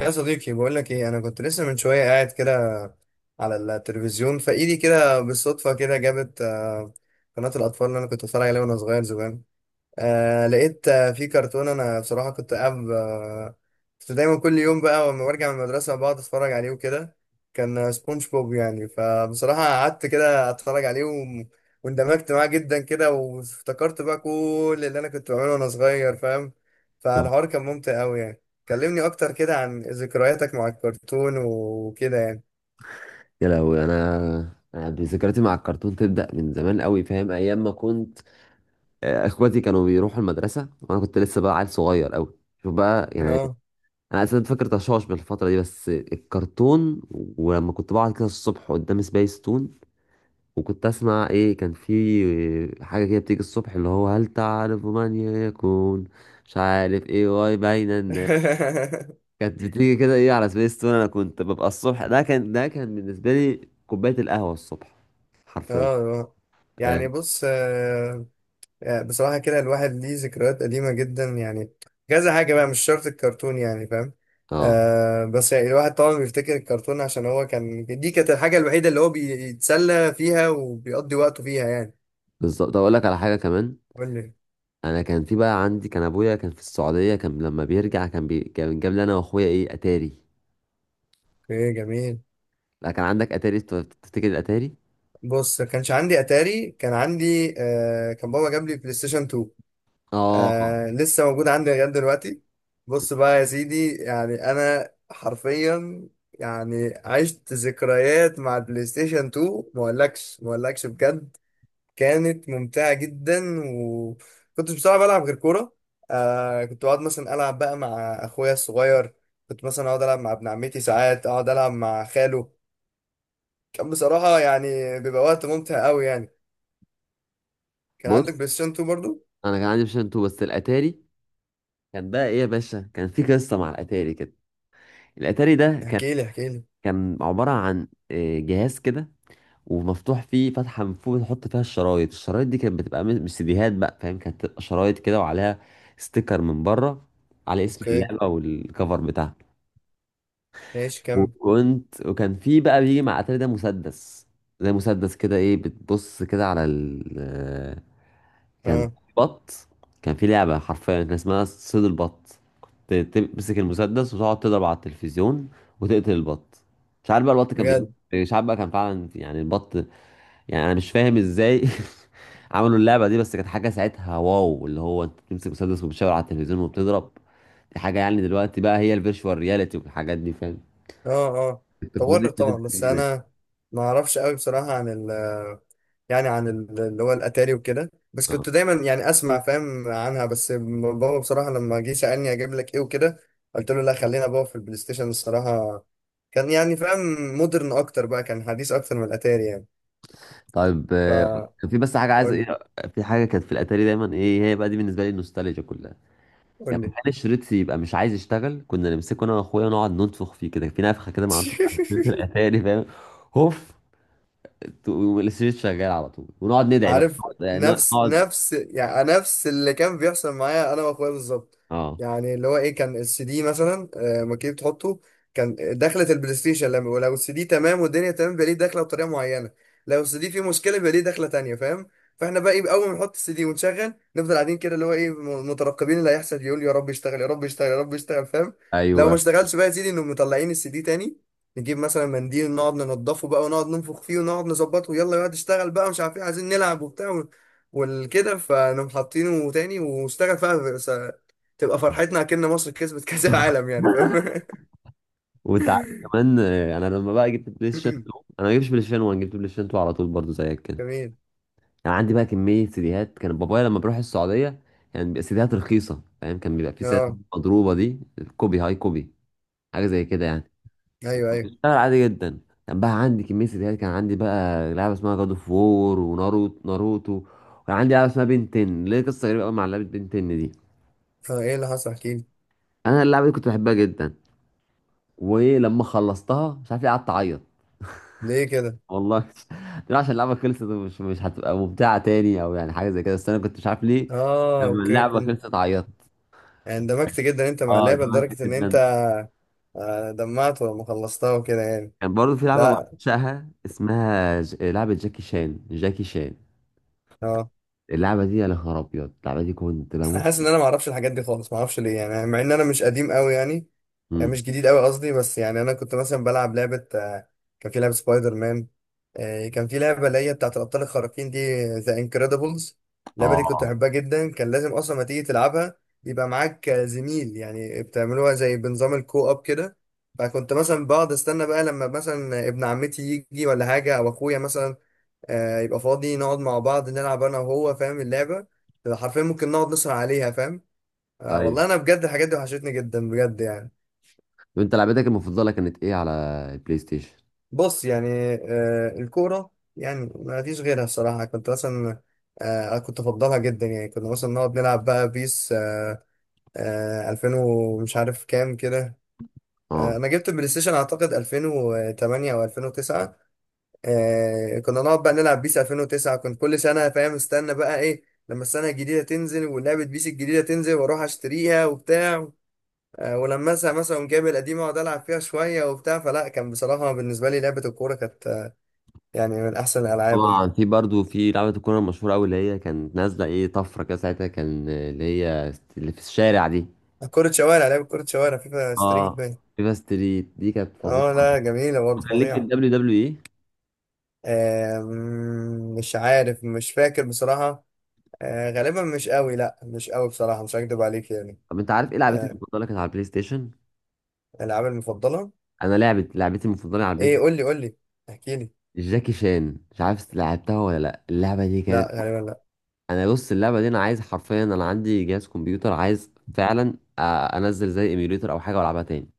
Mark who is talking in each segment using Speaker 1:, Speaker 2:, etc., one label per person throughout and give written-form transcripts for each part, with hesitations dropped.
Speaker 1: يا صديقي بقول لك ايه، انا كنت لسه من شويه قاعد كده على التلفزيون فايدي كده، بالصدفه كده جابت قناه الاطفال اللي انا كنت اتفرج عليها وانا صغير زمان. لقيت في كرتون انا بصراحه كنت قاعد كنت دايما كل يوم بقى لما برجع من المدرسه بقعد اتفرج عليه وكده. كان سبونج بوب يعني، فبصراحه قعدت كده اتفرج عليه واندمجت معاه جدا كده، وافتكرت بقى كل اللي انا كنت بعمله وانا صغير، فاهم؟ فالحوار كان ممتع قوي يعني. كلمني اكتر كده عن ذكرياتك مع الكرتون وكده يعني.
Speaker 2: يا لهوي أنا ذكرياتي مع الكرتون تبدا من زمان قوي، فاهم؟ ايام ما كنت اخواتي كانوا بيروحوا المدرسه وانا كنت لسه بقى عيل صغير قوي. شوف بقى يعني،
Speaker 1: اه.
Speaker 2: انا اساسا فاكر تشاش بالفتره دي بس الكرتون. ولما كنت بقعد كده الصبح قدام سبيس تون، وكنت اسمع ايه، كان في حاجه كده بتيجي الصبح اللي هو هل تعرف من يكون، مش عارف ايه واي باين. كانت بتيجي كده ايه على سبيس تون، انا كنت ببقى الصبح، ده كان بالنسبه لي كوبايه القهوه الصبح،
Speaker 1: اه
Speaker 2: حرفيا.
Speaker 1: آه.
Speaker 2: اه
Speaker 1: يعني بص، يعني بصراحة كده الواحد ليه ذكريات قديمة جدا يعني، كذا حاجة بقى، مش شرط الكرتون، يعني فاهم؟
Speaker 2: آه،
Speaker 1: بس يعني الواحد طبعا بيفتكر الكرتون عشان هو كان، دي كانت الحاجة الوحيدة اللي هو بيتسلى فيها وبيقضي وقته فيها يعني.
Speaker 2: بالظبط اقول لك على حاجه كمان.
Speaker 1: قول لي.
Speaker 2: انا كان في بقى عندي كان ابويا كان في السعوديه، كان لما بيرجع كان جاب لي انا واخويا ايه، اتاري.
Speaker 1: ايه جميل.
Speaker 2: لا كان عندك اتاري؟ تفتكر الاتاري؟
Speaker 1: بص، ما كانش عندي اتاري، كان عندي كان بابا جاب لي بلاي ستيشن 2.
Speaker 2: اه،
Speaker 1: لسه موجود عندي لغايه دلوقتي. بص بقى يا سيدي، يعني انا حرفيا يعني عشت ذكريات مع البلاي ستيشن 2، ما اقولكش ما اقولكش بجد، كانت ممتعه جدا. وكنت بصراحه بلعب غير كوره. كنت بقعد مثلا العب بقى مع اخويا الصغير، كنت مثلا اقعد العب مع ابن عمتي، ساعات اقعد العب مع خاله. كان بصراحه يعني بيبقى وقت ممتع قوي يعني. كان عندك
Speaker 2: بص
Speaker 1: بلاي ستيشن 2 برضو؟
Speaker 2: انا كان عندي بلاي 2 بس الاتاري، كان بقى ايه يا باشا، كان في قصه مع الاتاري كده. الاتاري ده كان،
Speaker 1: احكي لي احكي لي.
Speaker 2: كان عباره عن جهاز كده ومفتوح فيه فتحه من فوق، بنحط فيها الشرايط. الشرايط دي كانت بتبقى مش سيديهات بقى، فاهم؟ كانت بتبقى شرايط كده وعليها ستيكر من بره على اسم
Speaker 1: اوكي
Speaker 2: اللعبه والكفر بتاعها.
Speaker 1: ماشي كمل.
Speaker 2: وكان في بقى بيجي مع اتاري ده مسدس، زي مسدس كده ايه، بتبص كده على ال، كان
Speaker 1: اه
Speaker 2: بط، كان في لعبة حرفيا كان اسمها صيد البط. كنت تمسك المسدس وتقعد تضرب على التلفزيون وتقتل البط. مش عارف بقى البط كان بيموت،
Speaker 1: بجد.
Speaker 2: مش عارف بقى كان فعلا يعني البط، يعني انا مش فاهم ازاي عملوا اللعبه دي. بس كانت حاجه ساعتها واو، اللي هو انت بتمسك مسدس وبتشاور على التلفزيون وبتضرب. دي حاجه يعني دلوقتي بقى هي الفيرتشوال رياليتي والحاجات دي، فاهم؟
Speaker 1: اه اه.
Speaker 2: التكنولوجيا
Speaker 1: طورت طبعا، بس
Speaker 2: الجديده.
Speaker 1: انا ما اعرفش قوي بصراحه عن ال، يعني اللي هو الاتاري وكده، بس
Speaker 2: اه
Speaker 1: كنت دايما يعني اسمع فاهم عنها، بس بابا بصراحه لما جه سالني اجيب لك ايه وكده، قلت له لا خلينا بابا في البلاي ستيشن الصراحه. كان يعني فاهم، مودرن اكتر بقى، كان حديث اكتر من الاتاري يعني.
Speaker 2: طيب كان
Speaker 1: فقول
Speaker 2: في بس حاجه، عايز
Speaker 1: لي.
Speaker 2: ايه، في حاجه كانت في الاتاري دايما، ايه هي بقى دي بالنسبه لي النوستالجيا كلها.
Speaker 1: قول
Speaker 2: يعني كان
Speaker 1: لي.
Speaker 2: الشريط يبقى مش عايز يشتغل، كنا نمسكه انا واخويا نقعد ننفخ فيه كده، في نفخه كده معروفه بتاعت شريط الاتاري، فاهم؟ هوف، الشريط شغال على طول، ونقعد ندعي بقى،
Speaker 1: عارف،
Speaker 2: نقعد
Speaker 1: نفس
Speaker 2: نقعد
Speaker 1: نفس، يعني نفس اللي كان بيحصل معايا انا واخويا بالظبط.
Speaker 2: اه
Speaker 1: يعني اللي هو ايه، كان السي دي مثلا لما كنت بتحطه، كان دخلة البلاي ستيشن لما، ولو السي دي تمام والدنيا تمام، بيبقى ليه دخلة بطريقة معينة، لو السي دي فيه مشكلة بيبقى ليه دخلة تانية فاهم. فاحنا بقى ايه، اول ما نحط السي دي ونشغل، نفضل قاعدين كده اللي هو ايه، مترقبين اللي هيحصل، يقول يا رب يشتغل يا رب يشتغل يا رب يشتغل فاهم. لو ما
Speaker 2: ايوه.
Speaker 1: اشتغلش بقى يا سيدي، انهم مطلعين السي دي تاني، نجيب مثلا منديل نقعد ننضفه بقى ونقعد ننفخ فيه ونقعد نظبطه، يلا يقعد اشتغل بقى مش عارف ايه، عايزين نلعب وبتاع والكده. فنقوم حاطينه تاني واشتغل فيها، تبقى فرحتنا اكن مصر كسبت كأس العالم يعني فاهم.
Speaker 2: وانت عارف كمان، انا لما بقى جبت بلاي ستيشن 2، انا ما جبتش بلاي ستيشن 1، جبت بلاي ستيشن 2 على طول برضه زيك كده.
Speaker 1: جميل.
Speaker 2: يعني عندي بقى كميه سيديهات، كان بابايا لما بروح السعوديه يعني بيبقى سيديهات رخيصه، فاهم؟ كان بيبقى في سيديهات
Speaker 1: اه
Speaker 2: مضروبه دي، كوبي هاي كوبي، حاجه زي كده يعني،
Speaker 1: ايوه ايوه.
Speaker 2: بشتغل عادي جدا. كان بقى عندي كميه سيديهات، كان عندي بقى لعبه اسمها جاد اوف وور، وناروتو، وكان عندي لعبه اسمها بنتن، ليه قصه غريبه قوي مع لعبه بنتن دي.
Speaker 1: اه. ايه اللي حصل احكي لي.
Speaker 2: انا اللعبه دي كنت بحبها جدا، ولما خلصتها مش عارف ليه قعدت اعيط.
Speaker 1: ليه كده؟
Speaker 2: والله لا، عشان اللعبه خلصت ومش مش هتبقى ممتعه تاني او يعني حاجه زي كده، بس انا كنت مش عارف ليه
Speaker 1: اه
Speaker 2: لما
Speaker 1: اوكي.
Speaker 2: اللعبه
Speaker 1: كنت
Speaker 2: خلصت عيطت.
Speaker 1: اندمجت جدا انت مع
Speaker 2: اه
Speaker 1: اللعبه
Speaker 2: دمعت
Speaker 1: لدرجه ان انت
Speaker 2: جدا.
Speaker 1: دمعت ولما خلصتها وكده يعني.
Speaker 2: كان برضه في لعبه
Speaker 1: لا
Speaker 2: بعشقها اسمها لعبه جاكي شان.
Speaker 1: اه.
Speaker 2: اللعبه دي يا نهار ابيض، اللعبه دي كنت
Speaker 1: انا
Speaker 2: بموت.
Speaker 1: حاسس ان انا ما اعرفش الحاجات دي خالص، ما اعرفش ليه يعني، مع ان انا مش قديم قوي يعني.
Speaker 2: امم
Speaker 1: مش جديد قوي قصدي، بس يعني انا كنت مثلا بلعب لعبه، كان في لعبه سبايدر مان. كان في لعبه اللي هي بتاعت الابطال الخارقين دي، ذا انكريدبلز. اللعبه دي كنت
Speaker 2: اه
Speaker 1: بحبها جدا، كان لازم اصلا ما تيجي تلعبها يبقى معاك زميل، يعني بتعملوها زي بنظام الكو اب كده. فكنت مثلا بقعد استنى بقى، لما مثلا ابن عمتي يجي ولا حاجه، او اخويا مثلا يبقى فاضي، نقعد مع بعض نلعب انا وهو فاهم. اللعبة تبقى حرفيا ممكن نقعد نسهر عليها فاهم.
Speaker 2: ايوه.
Speaker 1: والله انا بجد الحاجات دي وحشتني جدا بجد يعني.
Speaker 2: وانت لعبتك المفضله كانت ايه على البلاي ستيشن؟
Speaker 1: بص يعني، الكورة، يعني ما فيش غيرها الصراحة. كنت مثلا كنت افضلها جدا يعني. كنا مثلا نقعد نلعب بقى بيس، 2000 ومش عارف كام كده.
Speaker 2: اه
Speaker 1: انا جبت البلاي ستيشن اعتقد 2008 او 2009. كنا نقعد بقى نلعب بيس 2009. كنت كل سنة فاهم استنى بقى ايه، لما السنة الجديدة تنزل ولعبة بيس الجديدة تنزل واروح اشتريها وبتاع. ولما مثلا جايب القديمة واقعد العب فيها شوية وبتاع، فلا كان بصراحة بالنسبة لي لعبة الكورة كانت يعني من احسن الالعاب يعني.
Speaker 2: طبعا، في برضه في لعبه الكوره المشهوره قوي اللي هي كانت نازله ايه طفره كده ساعتها، كان اللي هي اللي في الشارع دي.
Speaker 1: كرة شوارع، لعبة كرة شوارع، فيفا ستريت
Speaker 2: اه
Speaker 1: باين.
Speaker 2: فيفا ستريت دي كانت فظيعه.
Speaker 1: اه لا جميلة برضه،
Speaker 2: كان ليك في
Speaker 1: فظيعة.
Speaker 2: الدبليو دبليو اي؟
Speaker 1: مش عارف مش فاكر بصراحة. غالبا مش قوي، لا مش قوي بصراحة، مش هكدب عليك يعني.
Speaker 2: طب انت عارف ايه لعبتي
Speaker 1: آه
Speaker 2: المفضله كانت على البلاي ستيشن؟
Speaker 1: الألعاب المفضلة.
Speaker 2: انا لعبت لعبتي المفضله على البلاي
Speaker 1: ايه
Speaker 2: ستيشن
Speaker 1: قول لي قول لي. احكي لي.
Speaker 2: جاكي شان، مش عارف لعبتها ولا لا. اللعبه دي
Speaker 1: لا
Speaker 2: كانت،
Speaker 1: غالبا لا.
Speaker 2: انا بص اللعبه دي انا عايز حرفيا، انا عندي جهاز كمبيوتر عاز فعلا انزل زي ايميوليتر او حاجه والعبها تاني.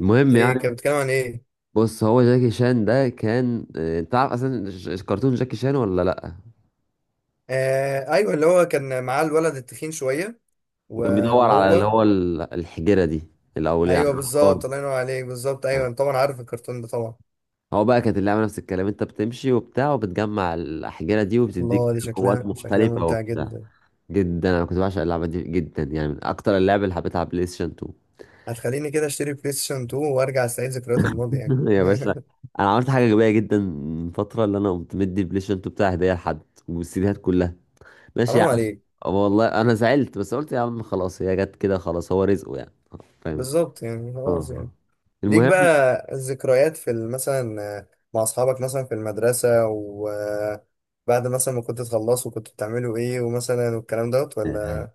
Speaker 2: المهم يعني.
Speaker 1: ايه كان بيتكلم عن ايه؟
Speaker 2: بص هو جاكي شان ده كان انت عارف اصلا كرتون جاكي شان ولا لا؟
Speaker 1: ايوه اللي هو كان معاه الولد التخين شويه و-
Speaker 2: وكان بيدور على اللي
Speaker 1: وهو.
Speaker 2: هو الحجره دي الاول، يعني
Speaker 1: ايوه
Speaker 2: الافكار.
Speaker 1: بالظبط، الله ينور عليك بالظبط، ايوه أنا طبعا عارف الكرتون ده طبعا.
Speaker 2: هو بقى كانت اللعبة نفس الكلام، انت بتمشي وبتاع وبتجمع الأحجارة دي، وبتديك
Speaker 1: الله، دي
Speaker 2: قوات
Speaker 1: شكلها شكلها
Speaker 2: مختلفة
Speaker 1: ممتع
Speaker 2: وبتاع.
Speaker 1: جدا.
Speaker 2: جدا انا كنت بعشق اللعبة دي جدا يعني، من اكتر اللعب اللي حبيتها على بلاي ستيشن 2.
Speaker 1: هتخليني كده اشتري بلاي ستيشن 2 وارجع استعيد ذكريات الماضي يعني.
Speaker 2: يا باشا، انا عملت حاجة غبية جدا من فترة، اللي انا قمت مدي البلاي ستيشن 2 بتاعي هدية لحد، والسيديهات كلها، ماشي يا
Speaker 1: حرام
Speaker 2: عم.
Speaker 1: عليك.
Speaker 2: والله انا زعلت، بس قلت يا عم خلاص هي جت كده، خلاص هو رزقه يعني، فاهم؟
Speaker 1: بالظبط يعني خلاص يعني.
Speaker 2: اه
Speaker 1: ليك
Speaker 2: المهم،
Speaker 1: بقى الذكريات في مثلا، مع اصحابك مثلا في المدرسة، وبعد مثلا ما كنت تخلصوا كنت بتعملوا ايه، ومثلا والكلام دوت ولا.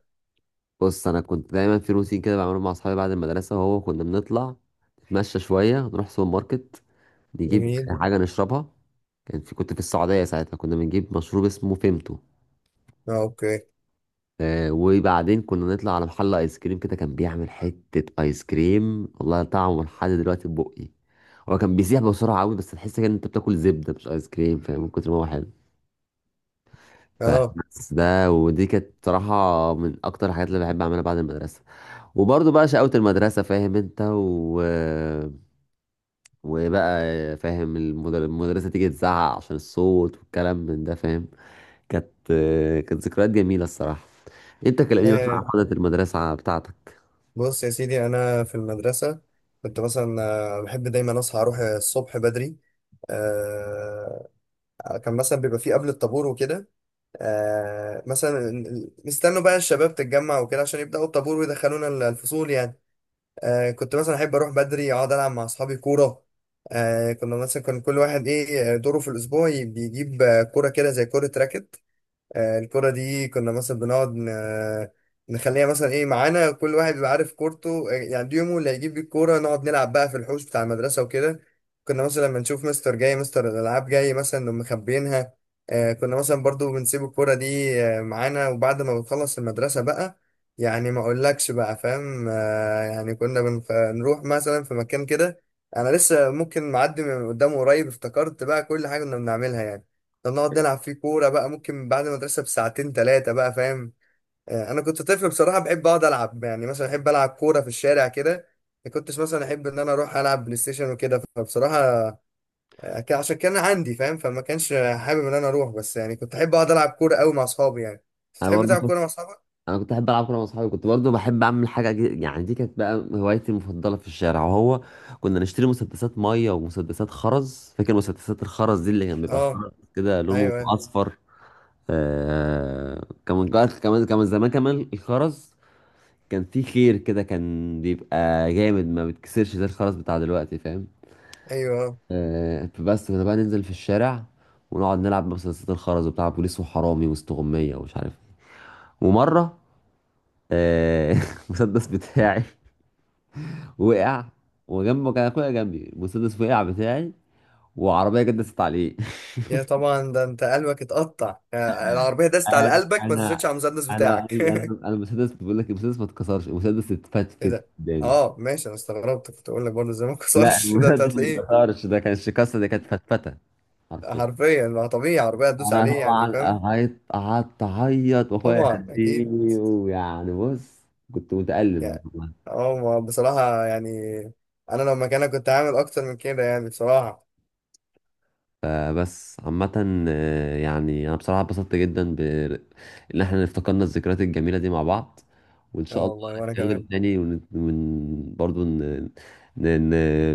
Speaker 2: بص انا كنت دايما في روتين كده بعمله مع اصحابي بعد المدرسه، وهو كنا بنطلع نتمشى شويه، نروح سوبر ماركت، نجيب
Speaker 1: جميل.
Speaker 2: حاجه نشربها. كان في، كنت في السعوديه ساعتها، كنا بنجيب مشروب اسمه فيمتو.
Speaker 1: اه اوكي.
Speaker 2: آه وبعدين كنا نطلع على محل ايس كريم كده كان بيعمل حته ايس كريم والله طعمه لحد دلوقتي في بقي. هو كان بيسيح بسرعه قوي، بس تحس كده ان انت بتاكل زبده مش ايس كريم، فاهم؟ من كتر ما هو حلو.
Speaker 1: اه.
Speaker 2: فبس ده، ودي كانت بصراحه من اكتر الحاجات اللي بحب اعملها بعد المدرسه. وبرضه بقى شقاوة المدرسة، فاهم؟ انت و... وبقى فاهم، المدرسة تيجي تزعق عشان الصوت والكلام من ده، فاهم؟ كانت كانت ذكريات جميلة الصراحة. انت كلمني بقى
Speaker 1: آه،
Speaker 2: عن حضرة المدرسة بتاعتك.
Speaker 1: بص يا سيدي، انا في المدرسة كنت مثلا بحب دايما اصحى اروح الصبح بدري. آه، كان مثلا بيبقى فيه قبل الطابور وكده. مثلا نستنوا بقى الشباب تتجمع وكده عشان يبدأوا الطابور ويدخلونا الفصول يعني. كنت مثلا احب اروح بدري اقعد العب مع اصحابي كوره. كنا مثلا كان كل واحد ايه، دوره في الاسبوع بيجيب كوره كده زي كوره راكت. الكرة دي كنا مثلا بنقعد نخليها مثلا ايه معانا، كل واحد بيبقى عارف كورته يعني دي يومه اللي هيجيب بيه الكورة، نقعد نلعب بقى في الحوش بتاع المدرسة وكده. كنا مثلا لما نشوف مستر جاي، مستر الألعاب جاي، مثلا نقوم مخبيينها. كنا مثلا برضو بنسيب الكورة دي معانا، وبعد ما بنخلص المدرسة بقى يعني ما اقولكش بقى فاهم. يعني كنا بنروح مثلا في مكان كده، انا لسه ممكن معدي من قدامه قريب، افتكرت بقى كل حاجة كنا بنعملها يعني. ده نقعد نلعب فيه كورة بقى ممكن بعد المدرسة بساعتين تلاتة بقى فاهم. أنا كنت طفل بصراحة بحب أقعد ألعب، يعني مثلا أحب ألعب كورة في الشارع كده. ما كنتش مثلا أحب إن أنا أروح ألعب بلاي ستيشن وكده فبصراحة. عشان كان عندي فاهم، فما كانش حابب إن أنا أروح، بس يعني كنت أحب أقعد ألعب كورة أوي مع أصحابي يعني.
Speaker 2: انا
Speaker 1: بتحب
Speaker 2: برضه
Speaker 1: تلعب
Speaker 2: كنت،
Speaker 1: كورة مع أصحابك؟
Speaker 2: انا كنت احب العب كوره مع اصحابي، كنت برضه بحب اعمل حاجه يعني دي كانت بقى هوايتي المفضله في الشارع، وهو كنا نشتري مسدسات ميه ومسدسات خرز. فاكر مسدسات الخرز دي اللي كان بيبقى
Speaker 1: أه
Speaker 2: الخرز كده لونه
Speaker 1: أيوه
Speaker 2: اصفر؟ آه كمان كمان زمان كمان الخرز كان فيه خير كده، كان بيبقى جامد ما بتكسرش زي الخرز بتاع دلوقتي، فاهم؟
Speaker 1: أيوه آه.
Speaker 2: آه فبس كنا بقى ننزل في الشارع ونقعد نلعب مسدسات الخرز وبتاع، بوليس وحرامي واستغمية ومش عارف. ومرة آه المسدس بتاعي وقع، وجنبه كان اخويا جنبي، المسدس وقع بتاعي، وعربية جدست عليه.
Speaker 1: يا طبعا، ده أنت قلبك اتقطع، العربية دست على
Speaker 2: انا
Speaker 1: قلبك ما تزيدش
Speaker 2: انا
Speaker 1: على المسدس
Speaker 2: انا
Speaker 1: بتاعك.
Speaker 2: أنا المسدس بقول لك، المسدس ما اتكسرش، المسدس
Speaker 1: ايه
Speaker 2: اتفتفت
Speaker 1: ده.
Speaker 2: قدامي.
Speaker 1: اه ماشي، انا استغربت كنت اقول لك برضه زي ما
Speaker 2: لا
Speaker 1: كسرش، ده انت
Speaker 2: المنافس ما
Speaker 1: هتلاقيه
Speaker 2: اتكسرش، ده كانش كسر، ده كانت فتفته حرفيا.
Speaker 1: حرفيا. ما طبيعي عربيه هتدوس
Speaker 2: انا
Speaker 1: عليه يعني
Speaker 2: طبعا
Speaker 1: فاهم.
Speaker 2: قعدت اعيط واخويا
Speaker 1: طبعا اكيد.
Speaker 2: يهديني، ويعني بص كنت متألم
Speaker 1: يعني
Speaker 2: والله.
Speaker 1: اه، ما بصراحه يعني انا لو مكانك كنت هعمل اكتر من كده يعني بصراحه.
Speaker 2: فبس عامة يعني انا بصراحة اتبسطت جدا ب، ان احنا افتكرنا الذكريات الجميلة دي مع بعض. وان
Speaker 1: اه
Speaker 2: شاء الله
Speaker 1: والله وانا كمان.
Speaker 2: نتكلم تاني برضو ن... ن...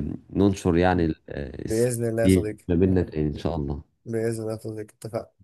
Speaker 2: ن- ننشر يعني
Speaker 1: ب-
Speaker 2: السعادة
Speaker 1: باذن الله يا
Speaker 2: دي
Speaker 1: صديقي
Speaker 2: ما بيننا
Speaker 1: يعني.
Speaker 2: تاني ان
Speaker 1: ب-
Speaker 2: شاء الله.
Speaker 1: باذن الله يا صديقي اتفقنا.